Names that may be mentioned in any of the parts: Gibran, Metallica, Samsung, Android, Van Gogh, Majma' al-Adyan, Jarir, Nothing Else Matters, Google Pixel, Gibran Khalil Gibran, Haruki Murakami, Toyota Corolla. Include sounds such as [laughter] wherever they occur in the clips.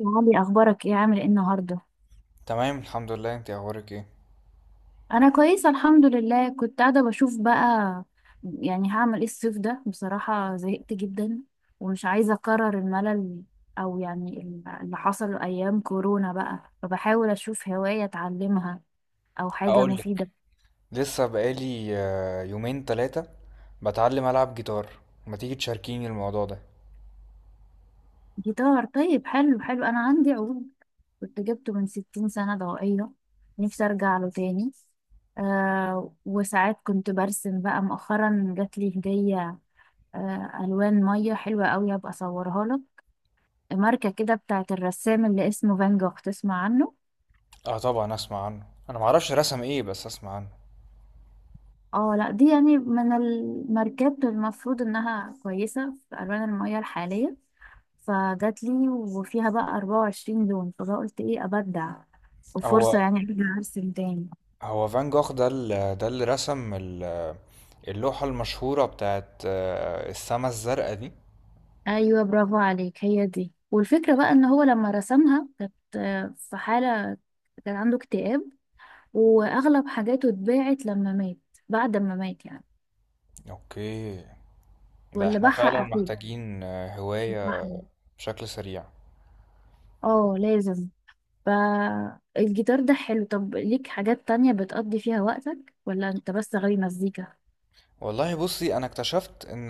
يا علي، اخبارك ايه؟ عامل ايه النهارده؟ تمام الحمد لله، انت اخبارك ايه؟ انا كويسه الحمد لله. كنت قاعده بشوف بقى. يعني هعمل ايه الصيف ده؟ بصراحه زهقت جدا ومش عايزه اكرر الملل، او يعني اللي حصل ايام كورونا، بقى فبحاول اشوف هوايه اتعلمها او حاجه هقول لك، مفيده. لسه بقالي يومين تلاتة بتعلم العب جيتار. ما تيجي تشاركيني الموضوع ده؟ جيتار؟ طيب، حلو حلو، انا عندي عود كنت جبته من 60 سنه ضوئيه. نفسي ارجع له تاني. آه، وساعات كنت برسم بقى مؤخرا، جات لي هديه. الوان ميه حلوه قوي، هبقى اصورها لك. ماركه كده بتاعت الرسام اللي اسمه فان جوخ، تسمع عنه؟ اه طبعا اسمع عنه، انا معرفش رسم ايه بس اسمع عنه. اه لا، دي يعني من الماركات المفروض انها كويسه في الوان الميه الحاليه. فجات لي وفيها بقى 24 لون، فبقى قلت ايه؟ ابدع، وفرصه هو يعني ارجع ارسم تاني. هو فان جوخ ده ده اللي رسم اللوحة المشهورة بتاعت السما الزرقاء دي. ايوه، برافو عليك، هي دي. والفكره بقى ان هو لما رسمها كانت في حاله، كان عنده اكتئاب. واغلب حاجاته اتباعت لما مات، بعد ما مات يعني. اوكي، لا ولا احنا بحق فعلا اخوه، محتاجين بحقه. هواية بشكل سريع. اه، لازم. ف الجيتار ده حلو. طب ليك حاجات تانية بتقضي فيها وقتك، ولا انت بس غاوي مزيكا؟ والله بصي، انا اكتشفت ان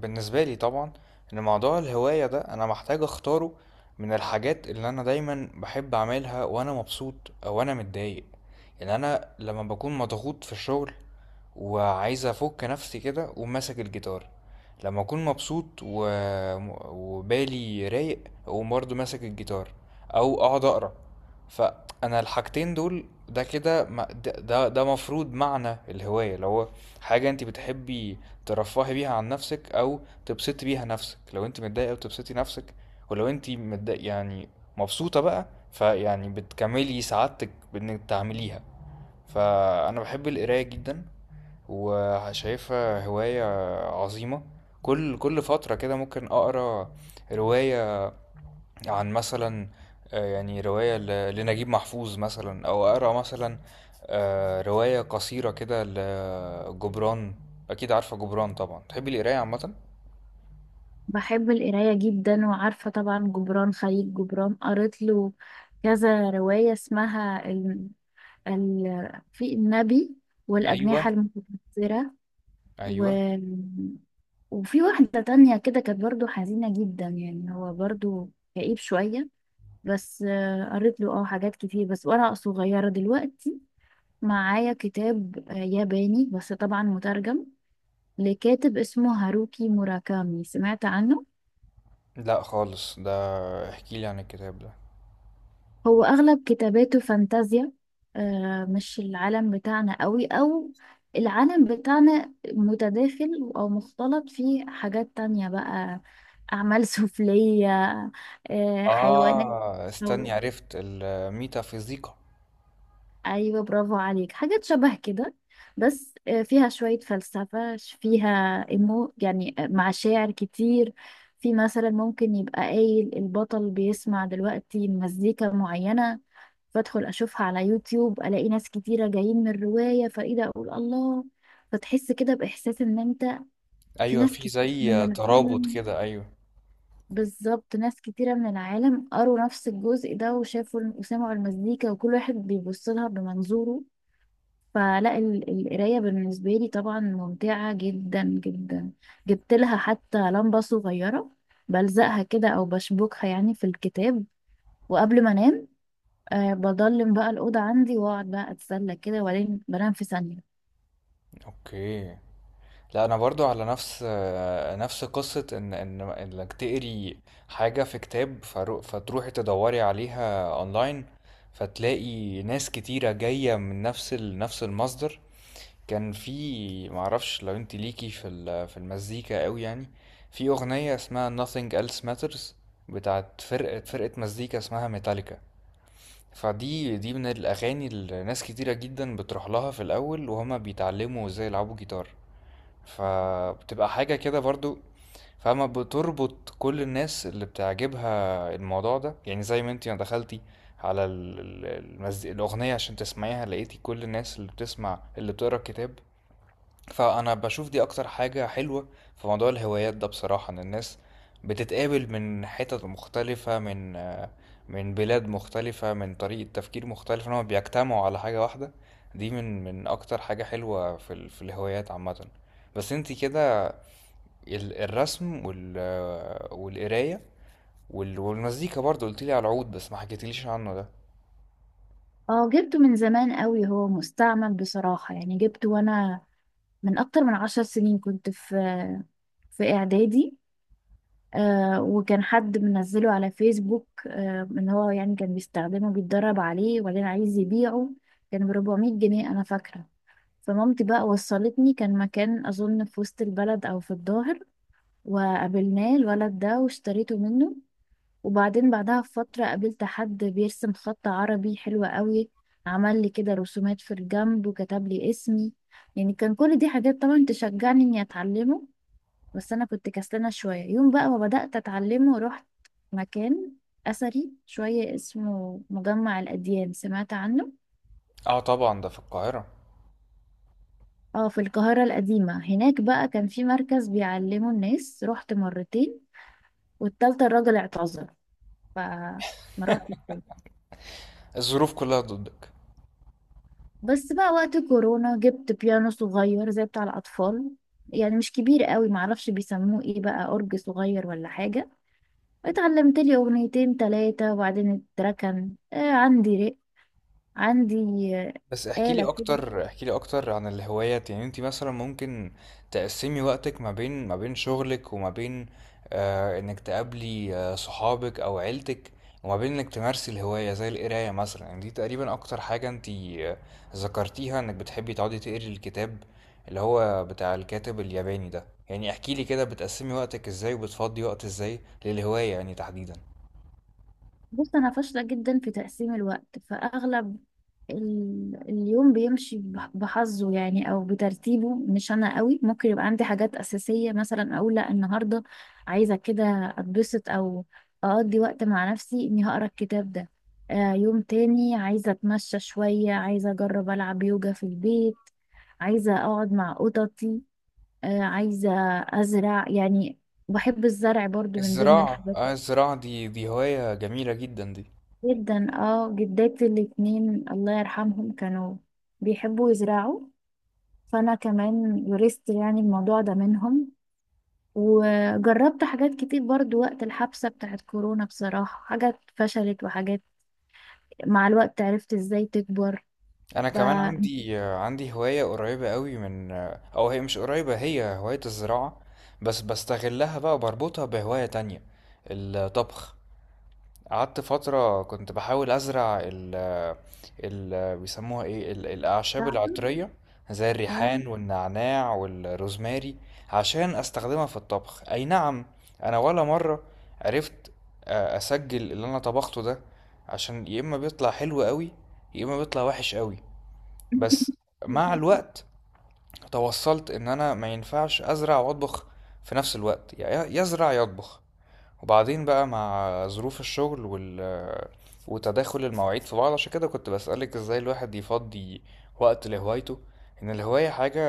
بالنسبه لي طبعا ان موضوع الهوايه ده انا محتاج اختاره من الحاجات اللي انا دايما بحب اعملها وانا مبسوط او انا متضايق. يعني انا لما بكون مضغوط في الشغل وعايز افك نفسي كده اقوم ماسك الجيتار، لما اكون مبسوط وبالي رايق اقوم برضه ماسك الجيتار او اقعد اقرا. فانا الحاجتين دول ده كده ده مفروض معنى الهوايه، اللي هو حاجة انت بتحبي ترفهي بيها عن نفسك، او تبسطي بيها نفسك. لو انت متضايقة بتبسطي نفسك، ولو انت متضايق يعني مبسوطة بقى فيعني بتكملي سعادتك بانك تعمليها. فانا بحب القراية جدا وشايفها هواية عظيمة. كل فترة كده ممكن اقرا رواية عن مثلا، يعني رواية لنجيب محفوظ مثلا، أو أقرأ مثلا رواية قصيرة كده لجبران. أكيد عارفة جبران طبعا، تحبي القراية عامة؟ بحب القراية جدا، وعارفة طبعا جبران خليل جبران، قريت له كذا رواية اسمها في النبي والأجنحة أيوة، المتكسرة، و... أيوة. وفي واحدة تانية كده كانت برضو حزينة جدا، يعني هو برضو كئيب شوية. بس قريت له حاجات كتير. بس ورقة صغيرة دلوقتي معايا كتاب ياباني، بس طبعا مترجم، لكاتب اسمه هاروكي موراكامي. سمعت عنه؟ لا خالص ده، احكيلي عن الكتاب ده. هو أغلب كتاباته فانتازيا، مش العالم بتاعنا قوي، أو العالم بتاعنا متداخل أو مختلط، فيه حاجات تانية بقى. أعمال [laughs] سفلية، حيوانات. آه استني، عرفت الميتافيزيقا. ايوه، برافو عليك، حاجات شبه كده. بس فيها شوية فلسفة، فيها إيمو يعني، مع شاعر كتير. في مثلا ممكن يبقى قايل البطل بيسمع دلوقتي مزيكا معينة، فادخل اشوفها على يوتيوب، الاقي ناس كتيرة جايين من الرواية، فايه ده؟ اقول الله. فتحس كده باحساس ان انت في أيوة، ناس في كتير من زي ترابط العالم، كده، أيوة. بالظبط، ناس كتيرة من العالم قروا نفس الجزء ده وشافوا وسمعوا المزيكا، وكل واحد بيبص لها بمنظوره. فلا القراية بالنسبة لي طبعا ممتعة جدا جدا، جبت لها حتى لمبة صغيرة بلزقها كده أو بشبكها يعني في الكتاب، وقبل ما أنام بضلم بقى الأوضة عندي وأقعد بقى أتسلى كده، وبعدين بنام في ثانية. أوكي، لا انا برضو على نفس نفس قصة ان ان انك تقري حاجة في كتاب فتروحي تدوري عليها اونلاين فتلاقي ناس كتيرة جاية من نفس نفس المصدر. كان في معرفش لو انت ليكي في في المزيكا قوي، يعني في اغنية اسمها Nothing Else Matters بتاعت فرقة مزيكا اسمها ميتاليكا. فدي من الاغاني اللي ناس كتيرة جدا بتروح لها في الاول وهما بيتعلموا ازاي يلعبوا جيتار. فبتبقى حاجة كده برضو، فاهمة، بتربط كل الناس اللي بتعجبها الموضوع ده. يعني زي ما انتي ما دخلتي على الأغنية عشان تسمعيها لقيتي كل الناس اللي بتسمع اللي بتقرا الكتاب. فأنا باشوف دي أكتر حاجة حلوة في موضوع الهوايات ده بصراحة، إن الناس بتتقابل من حتت مختلفة، من من بلاد مختلفة، من طريقة تفكير مختلفة، إنهم بيجتمعوا على حاجة واحدة. دي من أكتر حاجة حلوة في في الهوايات عامة. بس انتي كده الرسم وال آه، والقراية وال- والمزيكا برضه قلتيلي على العود بس ما حكيتليش عنه ده. اه، جبته من زمان قوي، هو مستعمل بصراحة. يعني جبته وأنا من أكتر من 10 سنين، كنت في إعدادي. وكان حد منزله على فيسبوك، ان هو يعني كان بيستخدمه بيتدرب عليه، وبعدين عايز يبيعه. كان ب 400 جنيه انا فاكره. فمامتي بقى وصلتني، كان مكان اظن في وسط البلد او في الظاهر، وقابلناه الولد ده واشتريته منه. وبعدين بعدها بفتره قابلت حد بيرسم خط عربي حلو قوي، عمل لي كده رسومات في الجنب وكتب لي اسمي. يعني كان كل دي حاجات طبعا تشجعني اني اتعلمه. بس انا كنت كسلانه شويه. يوم بقى ما بدات اتعلمه، رحت مكان اثري شويه اسمه مجمع الاديان. سمعت عنه؟ اه طبعا، ده في القاهرة. اه، في القاهره القديمه، هناك بقى كان في مركز بيعلموا الناس. رحت مرتين، والتالتة الراجل اعتذر، فما روحتش تاني. الظروف كلها ضدك. بس بقى وقت كورونا جبت بيانو صغير زي بتاع الاطفال، يعني مش كبير قوي، معرفش بيسموه ايه بقى، اورج صغير ولا حاجه. اتعلمت لي اغنيتين تلاتة وبعدين اتركن. عندي رق، عندي بس احكي لي آلة كده. اكتر، احكي لي اكتر عن الهوايات. يعني انت مثلا ممكن تقسمي وقتك ما بين شغلك وما بين انك تقابلي صحابك او عيلتك، وما بين انك تمارسي الهواية زي القراية مثلا. يعني دي تقريبا اكتر حاجة انت آه، ذكرتيها انك بتحبي تقعدي تقري الكتاب اللي هو بتاع الكاتب الياباني ده. يعني احكي لي كده بتقسمي وقتك ازاي وبتفضي وقت ازاي للهواية يعني تحديدا. بص، أنا فاشلة جدا في تقسيم الوقت. فأغلب اليوم بيمشي بحظه يعني، أو بترتيبه، مش أنا قوي. ممكن يبقى عندي حاجات أساسية مثلا، أقول لأ النهاردة عايزة كده أتبسط، أو أقضي وقت مع نفسي إني هقرأ الكتاب ده. يوم تاني عايزة أتمشى شوية، عايزة أجرب ألعب يوجا في البيت، عايزة أقعد مع قططي، عايزة أزرع يعني. بحب الزرع برضو من ضمن الزراعة، الحاجات آه الزراعة دي، دي هواية جميلة جدا دي. جدا. اه جداتي الاتنين الله يرحمهم كانوا بيحبوا يزرعوا، فانا كمان ورثت يعني الموضوع ده منهم. وجربت حاجات كتير برضو وقت الحبسة بتاعت كورونا بصراحة، حاجات فشلت، وحاجات مع الوقت عرفت ازاي تكبر. انا ف كمان عندي هواية قريبة قوي من، او هي مش قريبة، هي هواية الزراعة بس بستغلها بقى، بربطها بهواية تانية، الطبخ. قعدت فترة كنت بحاول ازرع ال ال بيسموها ايه الاعشاب العطرية زي اه الريحان والنعناع والروزماري عشان استخدمها في الطبخ. اي نعم، انا ولا مرة عرفت اسجل اللي انا طبخته ده، عشان يا اما بيطلع حلو قوي يا اما بيطلع وحش قوي. بس [laughs] مع الوقت توصلت ان انا ما ينفعش ازرع واطبخ في نفس الوقت، يعني يزرع يطبخ. وبعدين بقى مع ظروف الشغل وتداخل المواعيد في بعض، عشان كده كنت بسألك ازاي الواحد يفضي وقت لهوايته. ان الهواية حاجة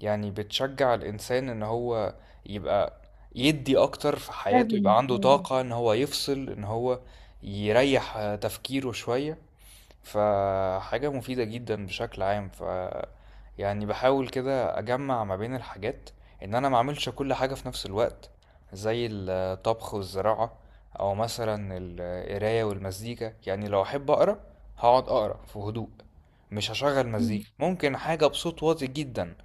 يعني بتشجع الانسان ان هو يبقى يدي اكتر في حياته، لازم يبقى عنده لازم. طاقة ان هو يفصل، ان هو يريح تفكيره شوية. فحاجة مفيدة جدا بشكل عام. ف يعني بحاول كده اجمع ما بين الحاجات، ان انا ما اعملش كل حاجة في نفس الوقت زي الطبخ والزراعة، او مثلا القراية والمزيكا. يعني لو احب اقرا هقعد اقرا في هدوء، مش هشغل مزيكا، ممكن حاجة بصوت واطي جدا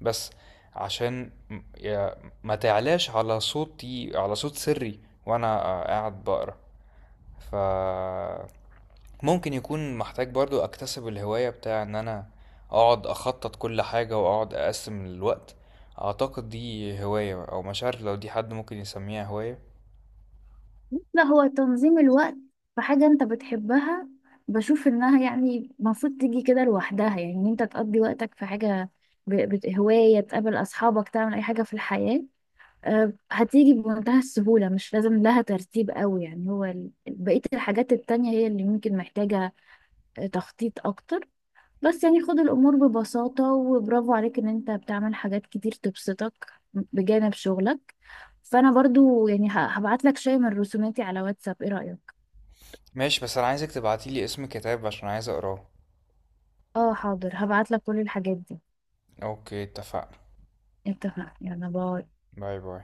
بس عشان ما تعلاش على صوتي على صوت سري وانا قاعد بقرا. ف ممكن يكون محتاج برضو اكتسب الهواية بتاع ان انا اقعد اخطط كل حاجة واقعد اقسم الوقت. اعتقد دي هواية، او مش عارف لو دي حد ممكن يسميها هواية. لا، هو تنظيم الوقت في حاجة انت بتحبها، بشوف انها يعني المفروض تيجي كده لوحدها. يعني ان انت تقضي وقتك في حاجة، هواية، تقابل اصحابك، تعمل اي حاجة في الحياة، هتيجي بمنتهى السهولة. مش لازم لها ترتيب قوي. يعني هو بقية الحاجات التانية هي اللي ممكن محتاجة تخطيط اكتر. بس يعني خد الامور ببساطة، وبرافو عليك ان انت بتعمل حاجات كتير تبسطك بجانب شغلك. فانا برضو يعني هبعت لك شيء من رسوماتي على واتساب، ايه رأيك؟ ماشي، بس انا عايزك تبعتيلي اسم كتاب عشان عايز اقراه. اه حاضر، هبعت لك كل الحاجات دي. اوكي، اتفقنا. اتفقنا، يلا باي. باي باي.